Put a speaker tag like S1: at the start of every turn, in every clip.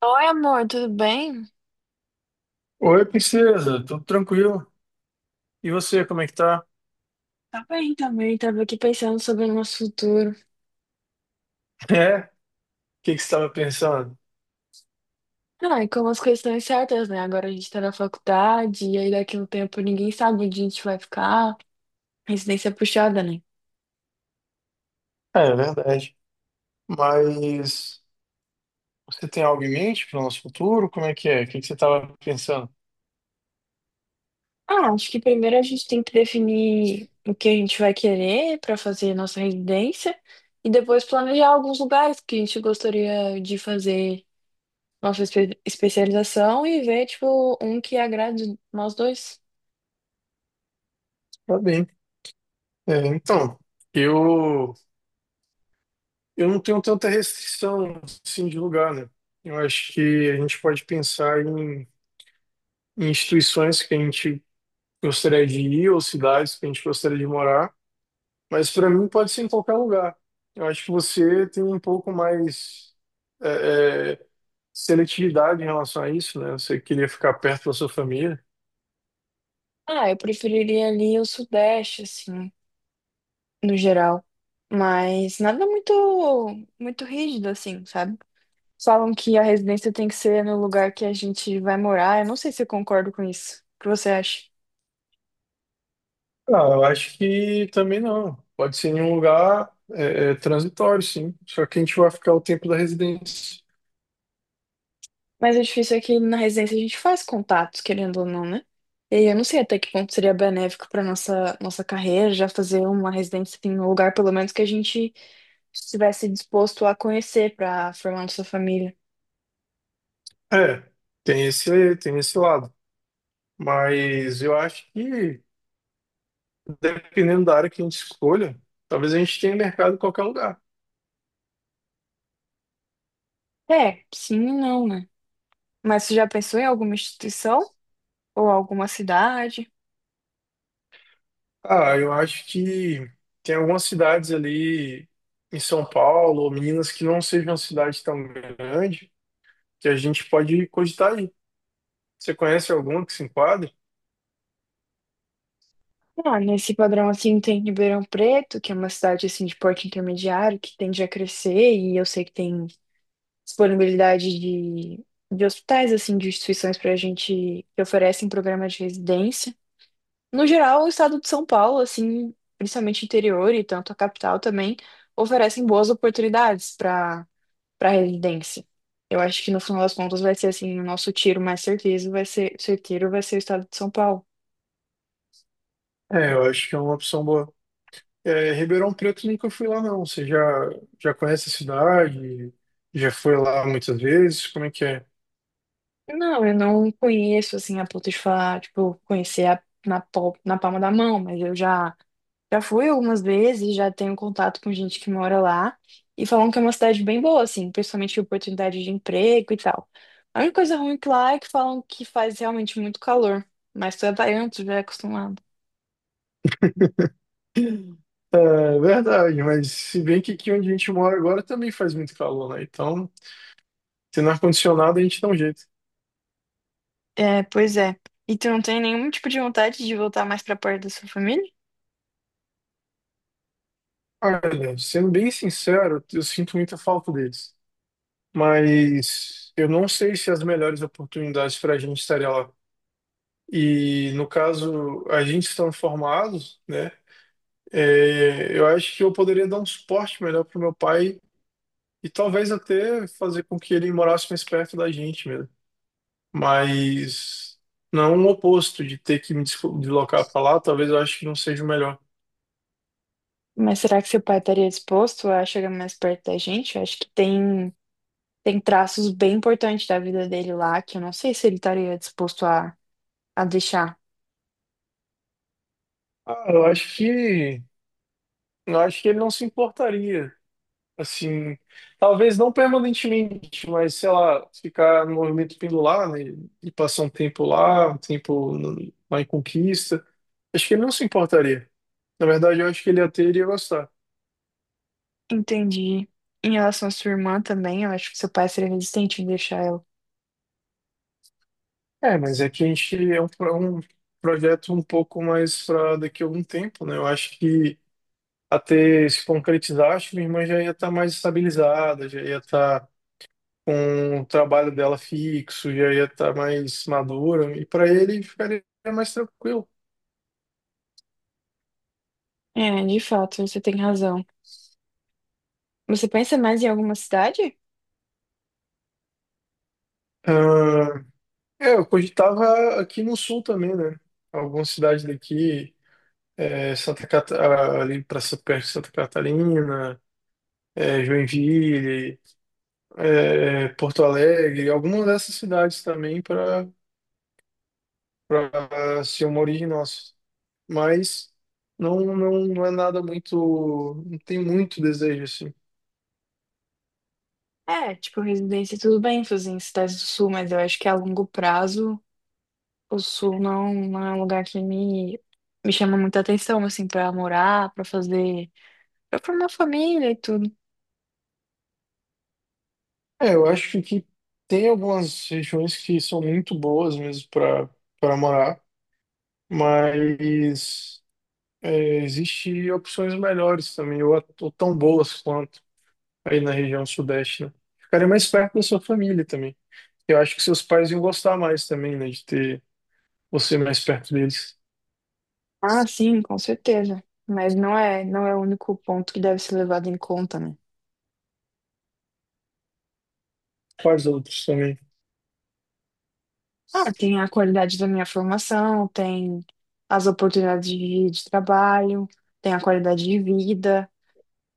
S1: Oi, amor, tudo bem?
S2: Oi, princesa, tudo tranquilo? E você, como é que tá?
S1: Tá bem também, tava aqui pensando sobre o nosso futuro.
S2: É? O que que você estava pensando?
S1: Ah, e como as coisas estão incertas, né? Agora a gente tá na faculdade, e aí daqui a um tempo ninguém sabe onde a gente vai ficar. Residência puxada, né?
S2: É verdade. Mas você tem algo em mente para o nosso futuro? Como é que é? O que que você estava pensando?
S1: Ah, acho que primeiro a gente tem que definir o que a gente vai querer pra fazer nossa residência e depois planejar alguns lugares que a gente gostaria de fazer nossa especialização e ver, tipo, um que agrade nós dois.
S2: Tá bem. É, então, eu eu não tenho tanta restrição assim de lugar, né? Eu acho que a gente pode pensar em instituições que a gente gostaria de ir ou cidades que a gente gostaria de morar. Mas para mim pode ser em qualquer lugar. Eu acho que você tem um pouco mais é, é, seletividade em relação a isso, né? Você queria ficar perto da sua família.
S1: Ah, eu preferiria ali o Sudeste, assim, no geral, mas nada muito muito rígido assim, sabe? Falam que a residência tem que ser no lugar que a gente vai morar. Eu não sei se eu concordo com isso. O que você acha?
S2: Ah, eu acho que também não. Pode ser em um lugar transitório, sim. Só que a gente vai ficar o tempo da residência.
S1: Mas o difícil é que na residência a gente faz contatos, querendo ou não, né? E aí eu não sei até que ponto seria benéfico para nossa carreira já fazer uma residência em um lugar pelo menos que a gente estivesse disposto a conhecer para formar nossa família.
S2: É, tem esse lado. Mas eu acho que, dependendo da área que a gente escolha, talvez a gente tenha mercado em qualquer lugar.
S1: É, sim e não, né? Mas você já pensou em alguma instituição ou alguma cidade?
S2: Ah, eu acho que tem algumas cidades ali em São Paulo ou Minas que não sejam uma cidade tão grande que a gente pode cogitar aí. Você conhece alguma que se enquadre?
S1: Ah, nesse padrão assim tem Ribeirão Preto, que é uma cidade assim de porte intermediário, que tende a crescer, e eu sei que tem disponibilidade de hospitais, assim, de instituições para a gente que oferecem programa de residência. No geral, o estado de São Paulo, assim, principalmente interior e tanto a capital também, oferecem boas oportunidades para para residência. Eu acho que no final das contas vai ser assim, o nosso tiro mais certeiro vai ser o estado de São Paulo.
S2: É, eu acho que é uma opção boa. É, Ribeirão Preto nunca fui lá não. Você já conhece a cidade? Já foi lá muitas vezes? Como é que é?
S1: Não, eu não conheço assim a ponto de falar, tipo, conhecer a- na, pal- na palma da mão, mas eu já fui algumas vezes, já tenho contato com gente que mora lá e falam que é uma cidade bem boa, assim, principalmente oportunidade de emprego e tal. A única coisa ruim que lá é que falam que faz realmente muito calor, mas tu é baiano, tu já é acostumado.
S2: É verdade, mas se bem que aqui onde a gente mora agora também faz muito calor, né? Então, tendo ar-condicionado a gente dá um jeito.
S1: É, pois é. E tu não tem nenhum tipo de vontade de voltar mais pra perto da sua família?
S2: Olha, sendo bem sincero, eu sinto muita falta deles. Mas eu não sei se as melhores oportunidades para a gente estaria lá. E no caso, a gente estando formados, né? Eu acho que eu poderia dar um suporte melhor para o meu pai e talvez até fazer com que ele morasse mais perto da gente mesmo. Mas não o oposto de ter que me deslocar para lá, talvez eu acho que não seja o melhor.
S1: Mas será que seu pai estaria disposto a chegar mais perto da gente? Eu acho que tem. Tem traços bem importantes da vida dele lá, que eu não sei se ele estaria disposto a deixar.
S2: Ah, eu acho que ele não se importaria. Assim, talvez não permanentemente, mas sei lá, ficar no movimento pendular, né? E passar um tempo lá, um tempo lá em Conquista. Acho que ele não se importaria. Na verdade, eu acho que ele até iria gostar.
S1: Entendi. Em relação à sua irmã também, eu acho que seu pai seria resistente em deixar ela.
S2: É, mas é que a gente é um projeto um pouco mais para daqui a algum tempo, né? Eu acho que até se concretizar, acho que minha irmã já ia estar mais estabilizada, já ia estar com o trabalho dela fixo, já ia estar mais madura, e para ele ficaria mais tranquilo.
S1: É, de fato, você tem razão. Você pensa mais em alguma cidade?
S2: Ah, eu cogitava aqui no sul também, né? Algumas cidades daqui, é, ali para perto de Santa Catarina, Joinville, Porto Alegre, algumas dessas cidades também para ser uma origem nossa. Mas não, não, não é nada muito, não tem muito desejo assim.
S1: É, tipo, residência, tudo bem fazer em cidades do sul, mas eu acho que a longo prazo o sul não é um lugar que me chama muita atenção, assim, pra morar, pra fazer, pra formar família e tudo.
S2: É, eu acho que tem algumas regiões que são muito boas mesmo para morar, mas existe opções melhores também, ou tão boas quanto aí na região sudeste, né? Ficaria mais perto da sua família também. Eu acho que seus pais iam gostar mais também, né, de ter você mais perto deles.
S1: Ah, sim, com certeza. Mas não é o único ponto que deve ser levado em conta, né?
S2: Quais outros também?
S1: Ah, tem a qualidade da minha formação, tem as oportunidades de trabalho, tem a qualidade de vida,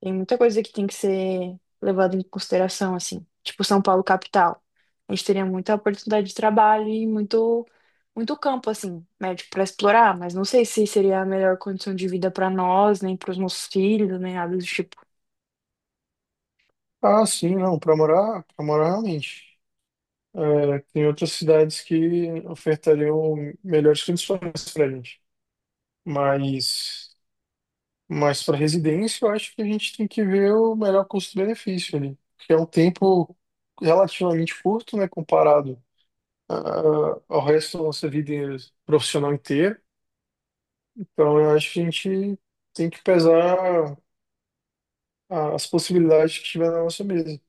S1: tem muita coisa que tem que ser levada em consideração, assim. Tipo São Paulo capital. A gente teria muita oportunidade de trabalho e muito campo, assim, médico para explorar, mas não sei se seria a melhor condição de vida para nós, nem para os nossos filhos, nem nada do tipo.
S2: Ah, sim, não, para morar, realmente. É, tem outras cidades que ofertariam melhores condições para gente, mas Mas para residência, eu acho que a gente tem que ver o melhor custo-benefício ali, porque é um tempo relativamente curto, né, comparado ao resto da nossa vida profissional inteira. Então, eu acho que a gente tem que pesar as possibilidades que tiver na nossa mesa.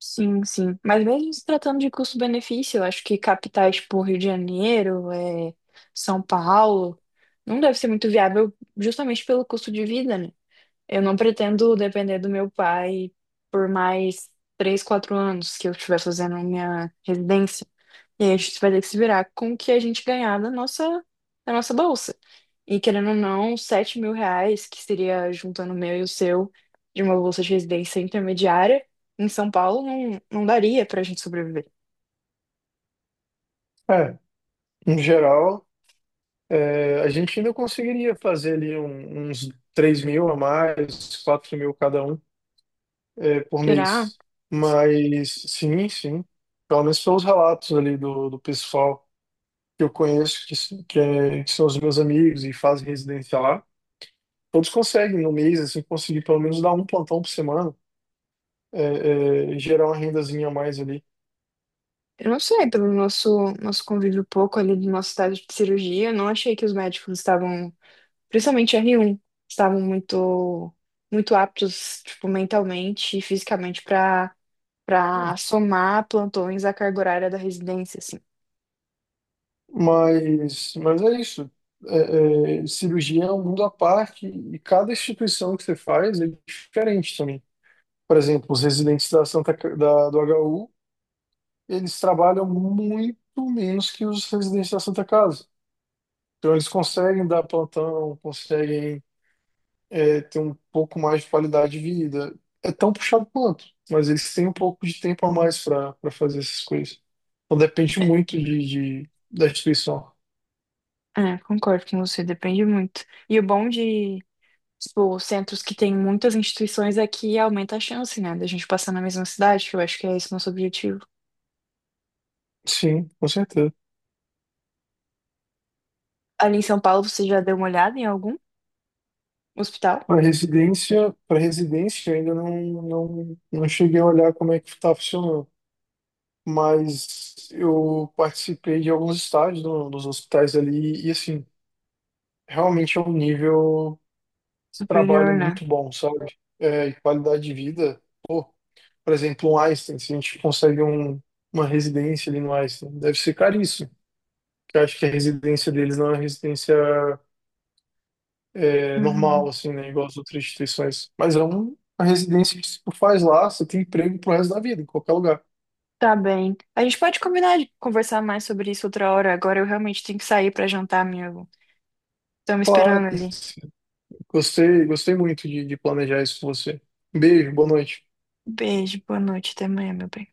S1: Sim, sim. Mas mesmo se tratando de custo-benefício, eu acho que capitais tipo Rio de Janeiro, é, São Paulo, não deve ser muito viável justamente pelo custo de vida, né? Eu não pretendo depender do meu pai por mais 3, 4 anos que eu estiver fazendo minha residência. E aí a gente vai ter que se virar com o que a gente ganhar da nossa bolsa. E querendo ou não, R$ 7.000, que seria juntando o meu e o seu, de uma bolsa de residência intermediária, em São Paulo, não daria pra gente sobreviver.
S2: É, em geral, a gente ainda conseguiria fazer ali uns 3.000 a mais, 4.000 cada um. Por
S1: Será?
S2: mês. Mas sim, sim. Pelo menos pelos relatos ali do pessoal que eu conheço, que, s- que, é- que são os meus amigos e fazem residência lá, todos conseguem no mês, assim, conseguir pelo menos dar um plantão por semana, é, e gerar uma rendazinha a mais ali.
S1: Eu não sei, pelo nosso convívio pouco ali do nosso estágio de cirurgia, eu não achei que os médicos estavam, principalmente r um estavam muito aptos, tipo, mentalmente e fisicamente para somar plantões à carga horária da residência, assim.
S2: Mas, é isso. É. Cirurgia é um mundo à parte e cada instituição que você faz é diferente também. Por exemplo, os residentes da do HU eles trabalham muito menos que os residentes da Santa Casa. Então, eles conseguem dar plantão, conseguem ter um pouco mais de qualidade de vida. É tão puxado quanto, mas eles têm um pouco de tempo a mais para fazer essas coisas. Então, depende muito da instituição.
S1: É, concordo com você, depende muito. E o bom de, tipo, centros que tem muitas instituições é que aumenta a chance, né, da gente passar na mesma cidade, que eu acho que é esse nosso objetivo.
S2: Sim, com certeza.
S1: Ali em São Paulo, você já deu uma olhada em algum hospital?
S2: Para residência, eu ainda não, não, não cheguei a olhar como é que está funcionando, mas eu participei de alguns estágios no, nos hospitais ali e assim, realmente é um nível de trabalho
S1: Superior, né?
S2: muito bom, sabe? É, e qualidade de vida. Pô, por exemplo, um Einstein, se a gente consegue uma residência ali no Einstein, deve ser caríssimo. Porque eu acho que a residência deles não é uma residência normal,
S1: Uhum.
S2: assim, né? Igual as outras instituições. Mas é uma residência que se tu faz lá, você tem emprego pro resto da vida, em qualquer lugar.
S1: Tá bem. A gente pode combinar de conversar mais sobre isso outra hora. Agora eu realmente tenho que sair pra jantar, amigo. Estão me esperando
S2: Claro,
S1: ali.
S2: gostei muito de planejar isso com você. Um beijo, boa noite.
S1: Beijo, boa noite, até amanhã, meu bem.